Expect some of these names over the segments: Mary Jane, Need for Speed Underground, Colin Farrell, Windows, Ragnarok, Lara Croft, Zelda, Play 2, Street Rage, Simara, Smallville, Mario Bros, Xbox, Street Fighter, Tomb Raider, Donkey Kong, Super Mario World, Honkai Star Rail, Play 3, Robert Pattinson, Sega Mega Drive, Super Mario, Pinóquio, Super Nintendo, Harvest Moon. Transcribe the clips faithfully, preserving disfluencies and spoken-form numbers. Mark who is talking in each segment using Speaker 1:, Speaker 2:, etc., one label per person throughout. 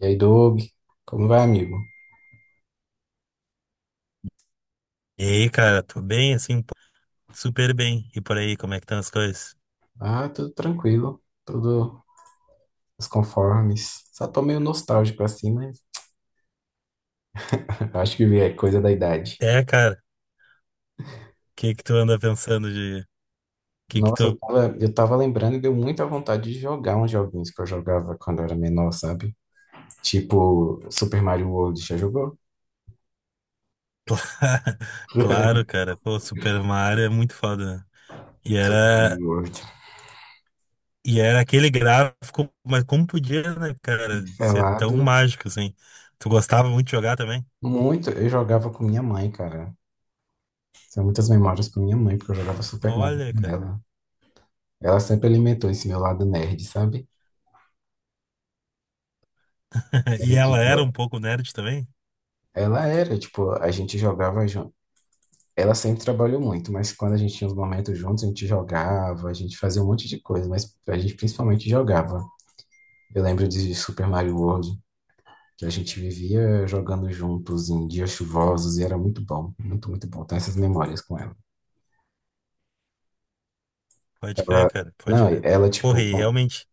Speaker 1: E aí, Doug, como vai, amigo?
Speaker 2: E aí, cara, tô bem, assim, pô, super bem. E por aí, como é que estão as coisas?
Speaker 1: Ah, tudo tranquilo, tudo nos conformes. Só tô meio nostálgico assim, mas acho que é coisa da idade.
Speaker 2: É, cara, o que que tu anda pensando de. O que que
Speaker 1: Nossa, eu
Speaker 2: tu.
Speaker 1: tava, eu tava lembrando e deu muita vontade de jogar uns joguinhos que eu jogava quando eu era menor, sabe? Tipo Super Mario World, já jogou?
Speaker 2: Claro, cara, pô, Super Mario é muito foda, né? E
Speaker 1: Super
Speaker 2: era...
Speaker 1: Mario World.
Speaker 2: E era aquele gráfico, mas como podia, né, cara, ser tão
Speaker 1: Pelado?
Speaker 2: mágico, assim. Tu gostava muito de jogar também?
Speaker 1: Muito, eu jogava com minha mãe, cara. Tenho muitas memórias com minha mãe, porque eu jogava Super Mario
Speaker 2: Olha,
Speaker 1: com
Speaker 2: cara.
Speaker 1: ela. Ela sempre alimentou esse meu lado nerd, sabe?
Speaker 2: E
Speaker 1: Aí,
Speaker 2: ela era um
Speaker 1: tipo,
Speaker 2: pouco nerd também?
Speaker 1: ela era, tipo, a gente jogava junto. Ela sempre trabalhou muito, mas quando a gente tinha os momentos juntos, a gente jogava, a gente fazia um monte de coisa, mas a gente principalmente jogava. Eu lembro de Super Mario World, que a gente vivia jogando juntos em dias chuvosos e era muito bom, muito, muito bom. Tenho essas memórias com ela.
Speaker 2: Pode crer,
Speaker 1: Ela,
Speaker 2: cara, pode
Speaker 1: não,
Speaker 2: crer.
Speaker 1: ela,
Speaker 2: Porra,
Speaker 1: tipo,
Speaker 2: e
Speaker 1: com-
Speaker 2: realmente,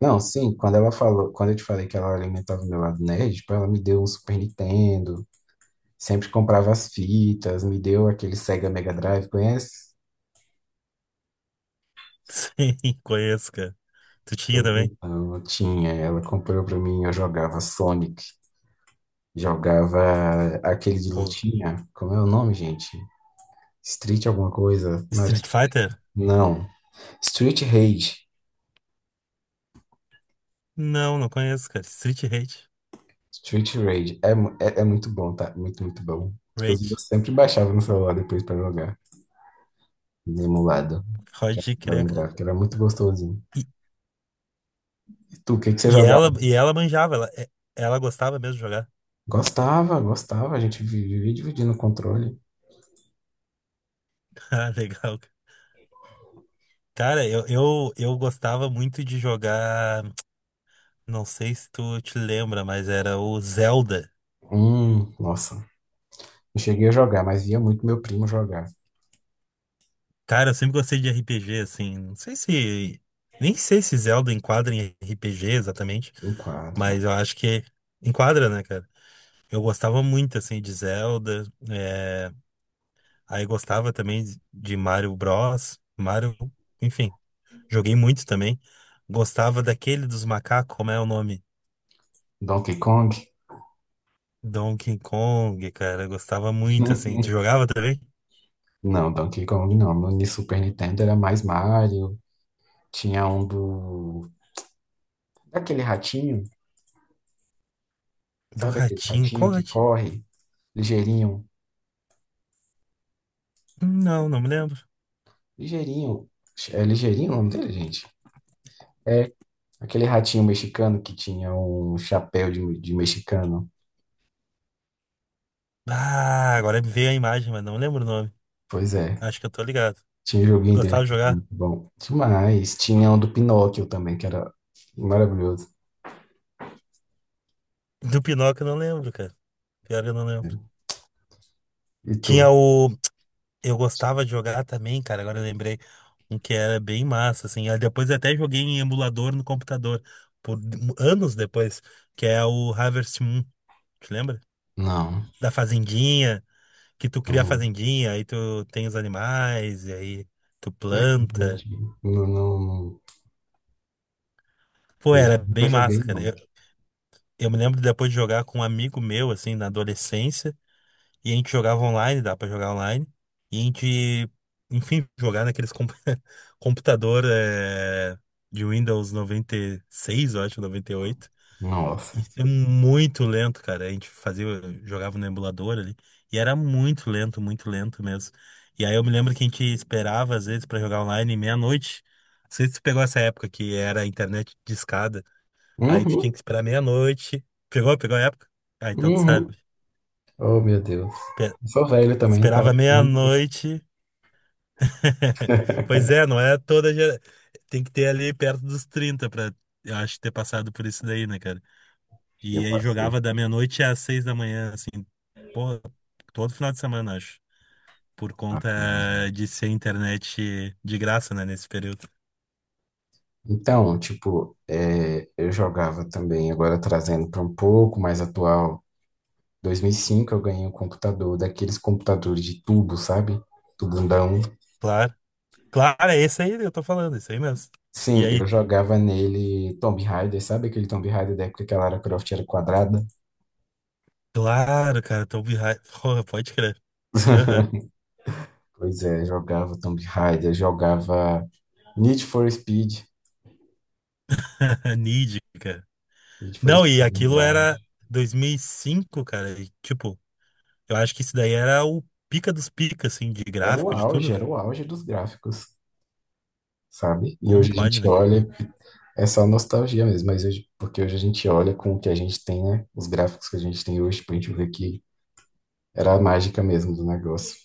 Speaker 1: Não, sim, quando ela falou, quando eu te falei que ela alimentava o meu lado nerd, tipo, ela me deu um Super Nintendo, sempre comprava as fitas, me deu aquele Sega Mega Drive, conhece?
Speaker 2: sim, conheço, cara. Tu tinha
Speaker 1: Pois
Speaker 2: também?
Speaker 1: então, eu tinha, ela comprou pra mim, eu jogava Sonic, jogava aquele de
Speaker 2: Pô,
Speaker 1: lutinha, como é o nome, gente? Street alguma coisa? Não, era
Speaker 2: Street
Speaker 1: Street-
Speaker 2: Fighter?
Speaker 1: não. Street Rage.
Speaker 2: Não, não conheço, cara. Street Rage.
Speaker 1: Street Rage. É, mu- é, é muito bom, tá? Muito, muito bom. Inclusive, eu
Speaker 2: Rage.
Speaker 1: sempre baixava no celular depois pra jogar, emulado,
Speaker 2: Pode
Speaker 1: pra
Speaker 2: crer,
Speaker 1: lembrar,
Speaker 2: cara.
Speaker 1: porque era muito gostosinho.
Speaker 2: E,
Speaker 1: E tu, o que que você
Speaker 2: e
Speaker 1: jogava?
Speaker 2: ela, e ela manjava, ela, é- ela gostava mesmo de jogar.
Speaker 1: Gostava, gostava, a gente vi- vivia dividindo o controle.
Speaker 2: Ah, legal, cara. Cara, eu, eu, eu gostava muito de jogar. Não sei se tu te lembra, mas era o Zelda.
Speaker 1: Hum, nossa. Não cheguei a jogar, mas via muito meu primo jogar.
Speaker 2: Cara, eu sempre gostei de R P G, assim. Não sei se. Nem sei se Zelda enquadra em R P G exatamente,
Speaker 1: Enquadra.
Speaker 2: mas eu acho que enquadra, né, cara? Eu gostava muito, assim, de Zelda. é, Aí gostava também de Mario Bros, Mario, enfim, joguei muito também. Gostava daquele dos macacos, como é o nome?
Speaker 1: Donkey Kong?
Speaker 2: Donkey Kong, cara, gostava muito assim. Tu jogava também?
Speaker 1: Não, Donkey Kong não. No Ni- Super Nintendo era mais Mario. Tinha um do. Daquele ratinho,
Speaker 2: Do
Speaker 1: sabe aquele
Speaker 2: ratinho,
Speaker 1: ratinho
Speaker 2: qual
Speaker 1: que
Speaker 2: ratinho?
Speaker 1: corre? Ligeirinho.
Speaker 2: Hum, Não, não me lembro.
Speaker 1: Ligeirinho. É ligeirinho o nome dele, gente? É aquele ratinho mexicano que tinha um chapéu de, de mexicano.
Speaker 2: Ah, agora me veio a imagem, mas não lembro o nome.
Speaker 1: Pois é.
Speaker 2: Acho que eu tô ligado.
Speaker 1: Tinha um
Speaker 2: Tu
Speaker 1: joguinho dele
Speaker 2: gostava de
Speaker 1: que era
Speaker 2: jogar?
Speaker 1: muito bom. Demais. Tinha um do Pinóquio também, que era maravilhoso.
Speaker 2: Do Pinóquio, eu não lembro, cara. Pior que eu não
Speaker 1: Né?
Speaker 2: lembro.
Speaker 1: E tu?
Speaker 2: Tinha o Eu gostava de jogar também, cara. Agora eu lembrei um que era bem massa, assim. Aí depois eu até joguei em emulador no computador, por anos depois, que é o Harvest Moon, te lembra?
Speaker 1: Não,
Speaker 2: Da fazendinha, que tu cria a
Speaker 1: não.
Speaker 2: fazendinha, aí tu tem os animais, e aí tu
Speaker 1: É,
Speaker 2: planta.
Speaker 1: gente, não, não, não
Speaker 2: Pô,
Speaker 1: sei.
Speaker 2: era
Speaker 1: Nunca
Speaker 2: bem
Speaker 1: joguei,
Speaker 2: massa, cara.
Speaker 1: não.
Speaker 2: Eu, eu me lembro depois de jogar com um amigo meu, assim, na adolescência. E a gente jogava online, dá pra jogar online. E a gente, enfim, jogar naqueles comp- computador eh, de Windows noventa e seis eu acho, noventa e oito.
Speaker 1: Nossa.
Speaker 2: Isso é muito lento, cara. A gente fazia, jogava no emulador ali. E era muito lento, muito lento mesmo. E aí eu me lembro que a gente esperava, às vezes, pra jogar online meia-noite. Não sei se tu pegou essa época que era a internet discada. Aí tu tinha
Speaker 1: Uhum,
Speaker 2: que esperar meia-noite. Pegou? Pegou a época? Ah, então tu sabe.
Speaker 1: uhum. Oh, meu Deus.
Speaker 2: Pe-
Speaker 1: Eu sou velho também,
Speaker 2: Esperava
Speaker 1: parece não.
Speaker 2: meia-noite. Pois é, não é toda gera... Tem que ter ali perto dos trinta pra, eu acho, ter passado por isso daí, né, cara?
Speaker 1: Eu
Speaker 2: E aí
Speaker 1: passei.
Speaker 2: jogava da meia-noite às seis da manhã, assim, pô, todo final de semana, acho. Por conta de ser internet de graça, né, nesse período.
Speaker 1: Então, tipo, é, eu jogava também, agora trazendo para um pouco mais atual. dois mil e cinco eu ganhei um computador, daqueles computadores de tubo, sabe? Tubundão.
Speaker 2: Claro. Claro, é esse aí que eu tô falando, esse aí mesmo. E
Speaker 1: Sim,
Speaker 2: aí,
Speaker 1: eu jogava nele Tomb Raider, sabe aquele Tomb Raider da época que a Lara Croft era quadrada?
Speaker 2: claro, cara, Tomb Raider. Porra, pode crer. Aham.
Speaker 1: Pois é, jogava Tomb Raider, jogava Need for Speed,
Speaker 2: Nid, cara.
Speaker 1: Need for
Speaker 2: Não, e
Speaker 1: Speed
Speaker 2: aquilo
Speaker 1: Underground.
Speaker 2: era dois mil e cinco, cara. E, tipo, eu acho que isso daí era o pica dos picas, assim, de
Speaker 1: Era o
Speaker 2: gráfico, de tudo,
Speaker 1: auge, era
Speaker 2: né?
Speaker 1: o auge dos gráficos, sabe? E
Speaker 2: Como
Speaker 1: hoje a
Speaker 2: pode,
Speaker 1: gente
Speaker 2: né, cara?
Speaker 1: olha, é só nostalgia mesmo, mas hoje, porque hoje a gente olha com o que a gente tem, né? Os gráficos que a gente tem hoje, pra gente ver que era a mágica mesmo do negócio.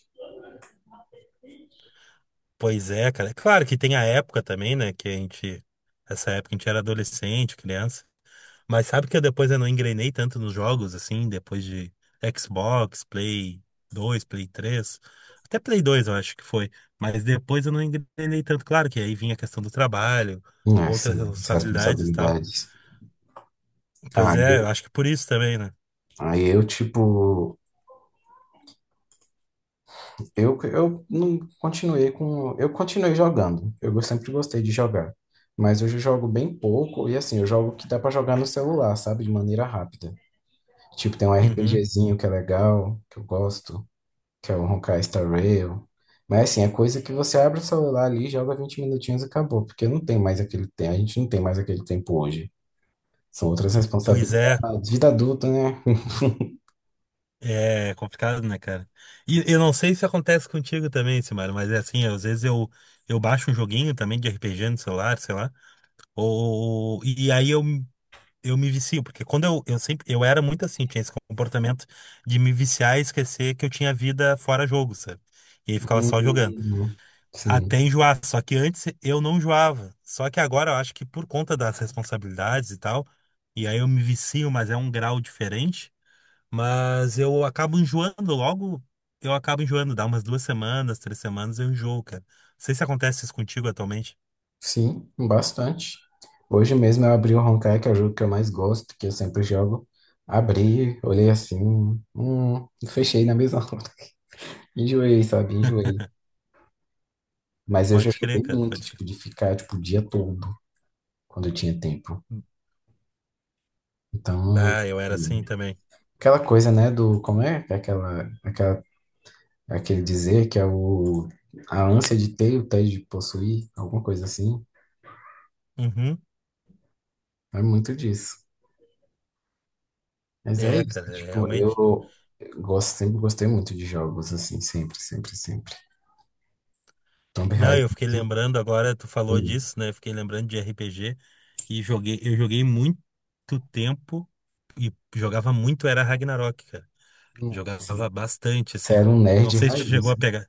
Speaker 2: Pois é, cara. Claro que tem a época também, né? Que a gente. Essa época a gente era adolescente, criança. Mas sabe que eu depois eu não engrenei tanto nos jogos, assim, depois de Xbox, Play dois, Play três. Até Play dois, eu acho que foi. Mas depois eu não engrenei tanto. Claro que aí vinha a questão do trabalho,
Speaker 1: Ah,
Speaker 2: outras
Speaker 1: sim, as
Speaker 2: responsabilidades e tal.
Speaker 1: responsabilidades. Ah,
Speaker 2: Pois é, eu
Speaker 1: eu,
Speaker 2: acho que por isso também, né?
Speaker 1: aí eu, tipo, Eu, eu não continuei com. Eu continuei jogando. Eu go- sempre gostei de jogar. Mas hoje eu jogo bem pouco. E assim, eu jogo que dá pra jogar no celular, sabe? De maneira rápida. Tipo, tem um
Speaker 2: Uhum.
Speaker 1: RPGzinho que é legal, que eu gosto, que é o Honkai Star Rail. Mas assim, é coisa que você abre o celular ali, joga vinte minutinhos e acabou. Porque não tem mais aquele tempo. A gente não tem mais aquele tempo hoje. São outras
Speaker 2: Pois é.
Speaker 1: responsabilidades. Vida adulta, né?
Speaker 2: É complicado, né, cara? E eu não sei se acontece contigo também, Simara, mas é assim, às vezes eu, eu baixo um joguinho também de R P G no celular, sei lá, ou, e aí eu, eu me vicio, porque quando eu, eu sempre, eu era muito assim, tinha esse comportamento de me viciar e esquecer que eu tinha vida fora jogo, sabe? E aí ficava só jogando.
Speaker 1: Hum,
Speaker 2: Até
Speaker 1: sim.
Speaker 2: enjoar, só que antes eu não enjoava. Só que agora eu acho que por conta das responsabilidades e tal, e aí eu me vicio, mas é um grau diferente. Mas eu acabo enjoando logo. Eu acabo enjoando, dá umas duas semanas, três semanas, eu enjoo, cara. Não sei se acontece isso contigo atualmente.
Speaker 1: Sim, bastante. Hoje mesmo eu abri o Honkai, que é o jogo que eu mais gosto, que eu sempre jogo. Abri, olhei assim, hum, e fechei na mesma hora. Enjoei, sabe? Enjoei. Mas eu já
Speaker 2: Pode crer,
Speaker 1: joguei
Speaker 2: cara,
Speaker 1: muito,
Speaker 2: pode crer.
Speaker 1: tipo, de ficar, tipo, o dia todo, quando eu tinha tempo. Então,
Speaker 2: Bah, eu era
Speaker 1: assim,
Speaker 2: assim também.
Speaker 1: aquela coisa, né, do, como é? Aquela, aquela, aquele dizer que é o, a ânsia de ter, o tédio de possuir, alguma coisa assim.
Speaker 2: Uhum.
Speaker 1: É muito disso. Mas é
Speaker 2: É,
Speaker 1: isso,
Speaker 2: cara, é,
Speaker 1: tipo,
Speaker 2: realmente.
Speaker 1: eu eu gosto, sempre gostei muito de jogos, assim, sempre, sempre, sempre. Tomb
Speaker 2: Não,
Speaker 1: Raider,
Speaker 2: eu fiquei lembrando agora, tu falou
Speaker 1: um
Speaker 2: disso, né? Eu fiquei lembrando de R P G e joguei, eu joguei muito tempo e jogava muito, era Ragnarok, cara.
Speaker 1: nossa,
Speaker 2: Jogava bastante,
Speaker 1: você
Speaker 2: assim.
Speaker 1: era um
Speaker 2: Não
Speaker 1: nerd
Speaker 2: sei se tu chegou
Speaker 1: raiz.
Speaker 2: a pegar.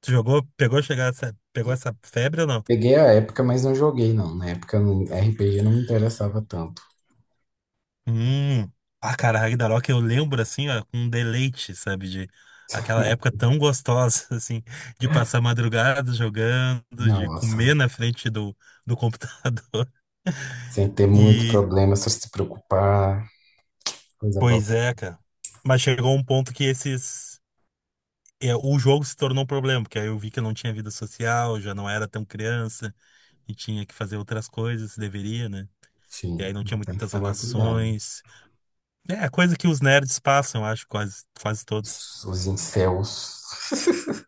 Speaker 2: Tu jogou, pegou, chegar, essa- pegou essa febre ou não?
Speaker 1: Peguei a época, mas não joguei, não. Na época, não- R P G não me interessava tanto.
Speaker 2: Hum. Ah, cara, Ragnarok eu lembro assim, ó, com deleite, sabe? De aquela época tão gostosa, assim, de passar madrugada jogando, de
Speaker 1: Nossa,
Speaker 2: comer na frente do, do computador.
Speaker 1: sem ter muito
Speaker 2: E,
Speaker 1: problema, só se preocupar, coisa boa.
Speaker 2: pois é, cara. Mas chegou um ponto que esses. É, o jogo se tornou um problema, porque aí eu vi que eu não tinha vida social, já não era tão criança e tinha que fazer outras coisas, deveria, né? E
Speaker 1: Enfim,
Speaker 2: aí não tinha
Speaker 1: então tem que
Speaker 2: muitas
Speaker 1: tomar cuidado.
Speaker 2: relações. É, coisa que os nerds passam, acho, quase, quase todos.
Speaker 1: Os os incels,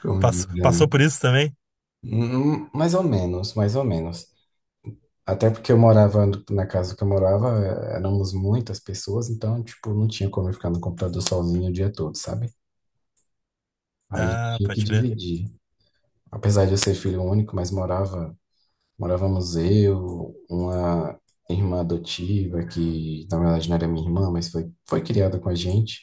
Speaker 1: como
Speaker 2: Passou, passou
Speaker 1: dizem.
Speaker 2: por isso também?
Speaker 1: Hum, hum, Mais ou menos, mais ou menos. Até porque eu morava na casa que eu morava, é, éramos muitas pessoas, então, tipo, não tinha como eu ficar no computador sozinho o dia todo, sabe? Aí
Speaker 2: Ah,
Speaker 1: tinha que
Speaker 2: pode crer.
Speaker 1: dividir. Apesar de eu ser filho único, mas morava, morávamos eu, uma irmã adotiva, que na verdade não era minha irmã, mas foi, foi criada com a gente.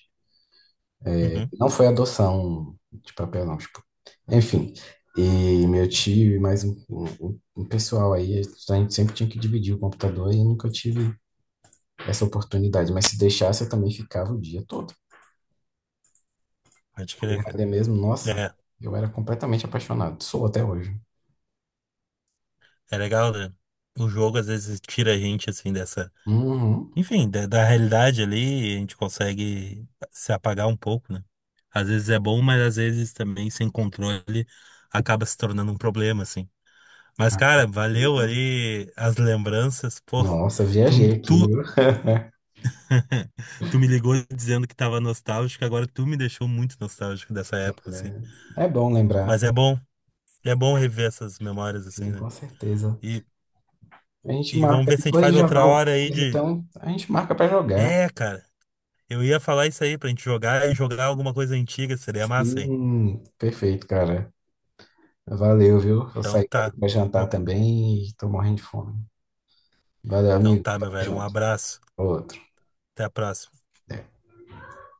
Speaker 2: Uhum,
Speaker 1: Não foi adoção de papel, não, tipo. Enfim. E meu tio e mais um, um, um pessoal aí, a gente sempre tinha que dividir o computador e eu nunca tive essa oportunidade, mas se deixasse eu também ficava o dia todo.
Speaker 2: pode crer, cara.
Speaker 1: É mesmo, nossa,
Speaker 2: É,
Speaker 1: eu era completamente apaixonado, sou até hoje.
Speaker 2: é legal, né? O jogo às vezes tira a gente, assim, dessa.
Speaker 1: Uhum.
Speaker 2: Enfim, da, da realidade ali, a gente consegue se apagar um pouco, né? Às vezes é bom, mas às vezes também, sem controle, acaba se tornando um problema, assim. Mas,
Speaker 1: Ah,
Speaker 2: cara, valeu
Speaker 1: beleza.
Speaker 2: aí as lembranças, pô.
Speaker 1: Nossa,
Speaker 2: Tu,
Speaker 1: viajei aqui,
Speaker 2: tu,
Speaker 1: viu?
Speaker 2: tu me ligou dizendo que tava nostálgico, agora tu me deixou muito nostálgico dessa época, assim.
Speaker 1: É, é bom lembrar,
Speaker 2: Mas é bom. É bom rever essas memórias assim,
Speaker 1: sim,
Speaker 2: né?
Speaker 1: com certeza.
Speaker 2: E,
Speaker 1: A gente
Speaker 2: e vamos
Speaker 1: marca
Speaker 2: ver se a gente
Speaker 1: depois de
Speaker 2: faz
Speaker 1: jogar
Speaker 2: outra
Speaker 1: alguma
Speaker 2: hora aí
Speaker 1: coisa,
Speaker 2: de.
Speaker 1: então a gente marca pra jogar.
Speaker 2: É, cara, eu ia falar isso aí pra gente jogar e jogar alguma coisa antiga, seria massa, hein?
Speaker 1: Sim, perfeito, cara. Valeu, viu? Eu
Speaker 2: Então
Speaker 1: saí pra
Speaker 2: tá.
Speaker 1: pra jantar
Speaker 2: Bom,
Speaker 1: também e tô morrendo de fome. Valeu,
Speaker 2: então
Speaker 1: amigo.
Speaker 2: tá, meu
Speaker 1: Tamo
Speaker 2: velho, um
Speaker 1: junto.
Speaker 2: abraço.
Speaker 1: Outro.
Speaker 2: Até a próxima.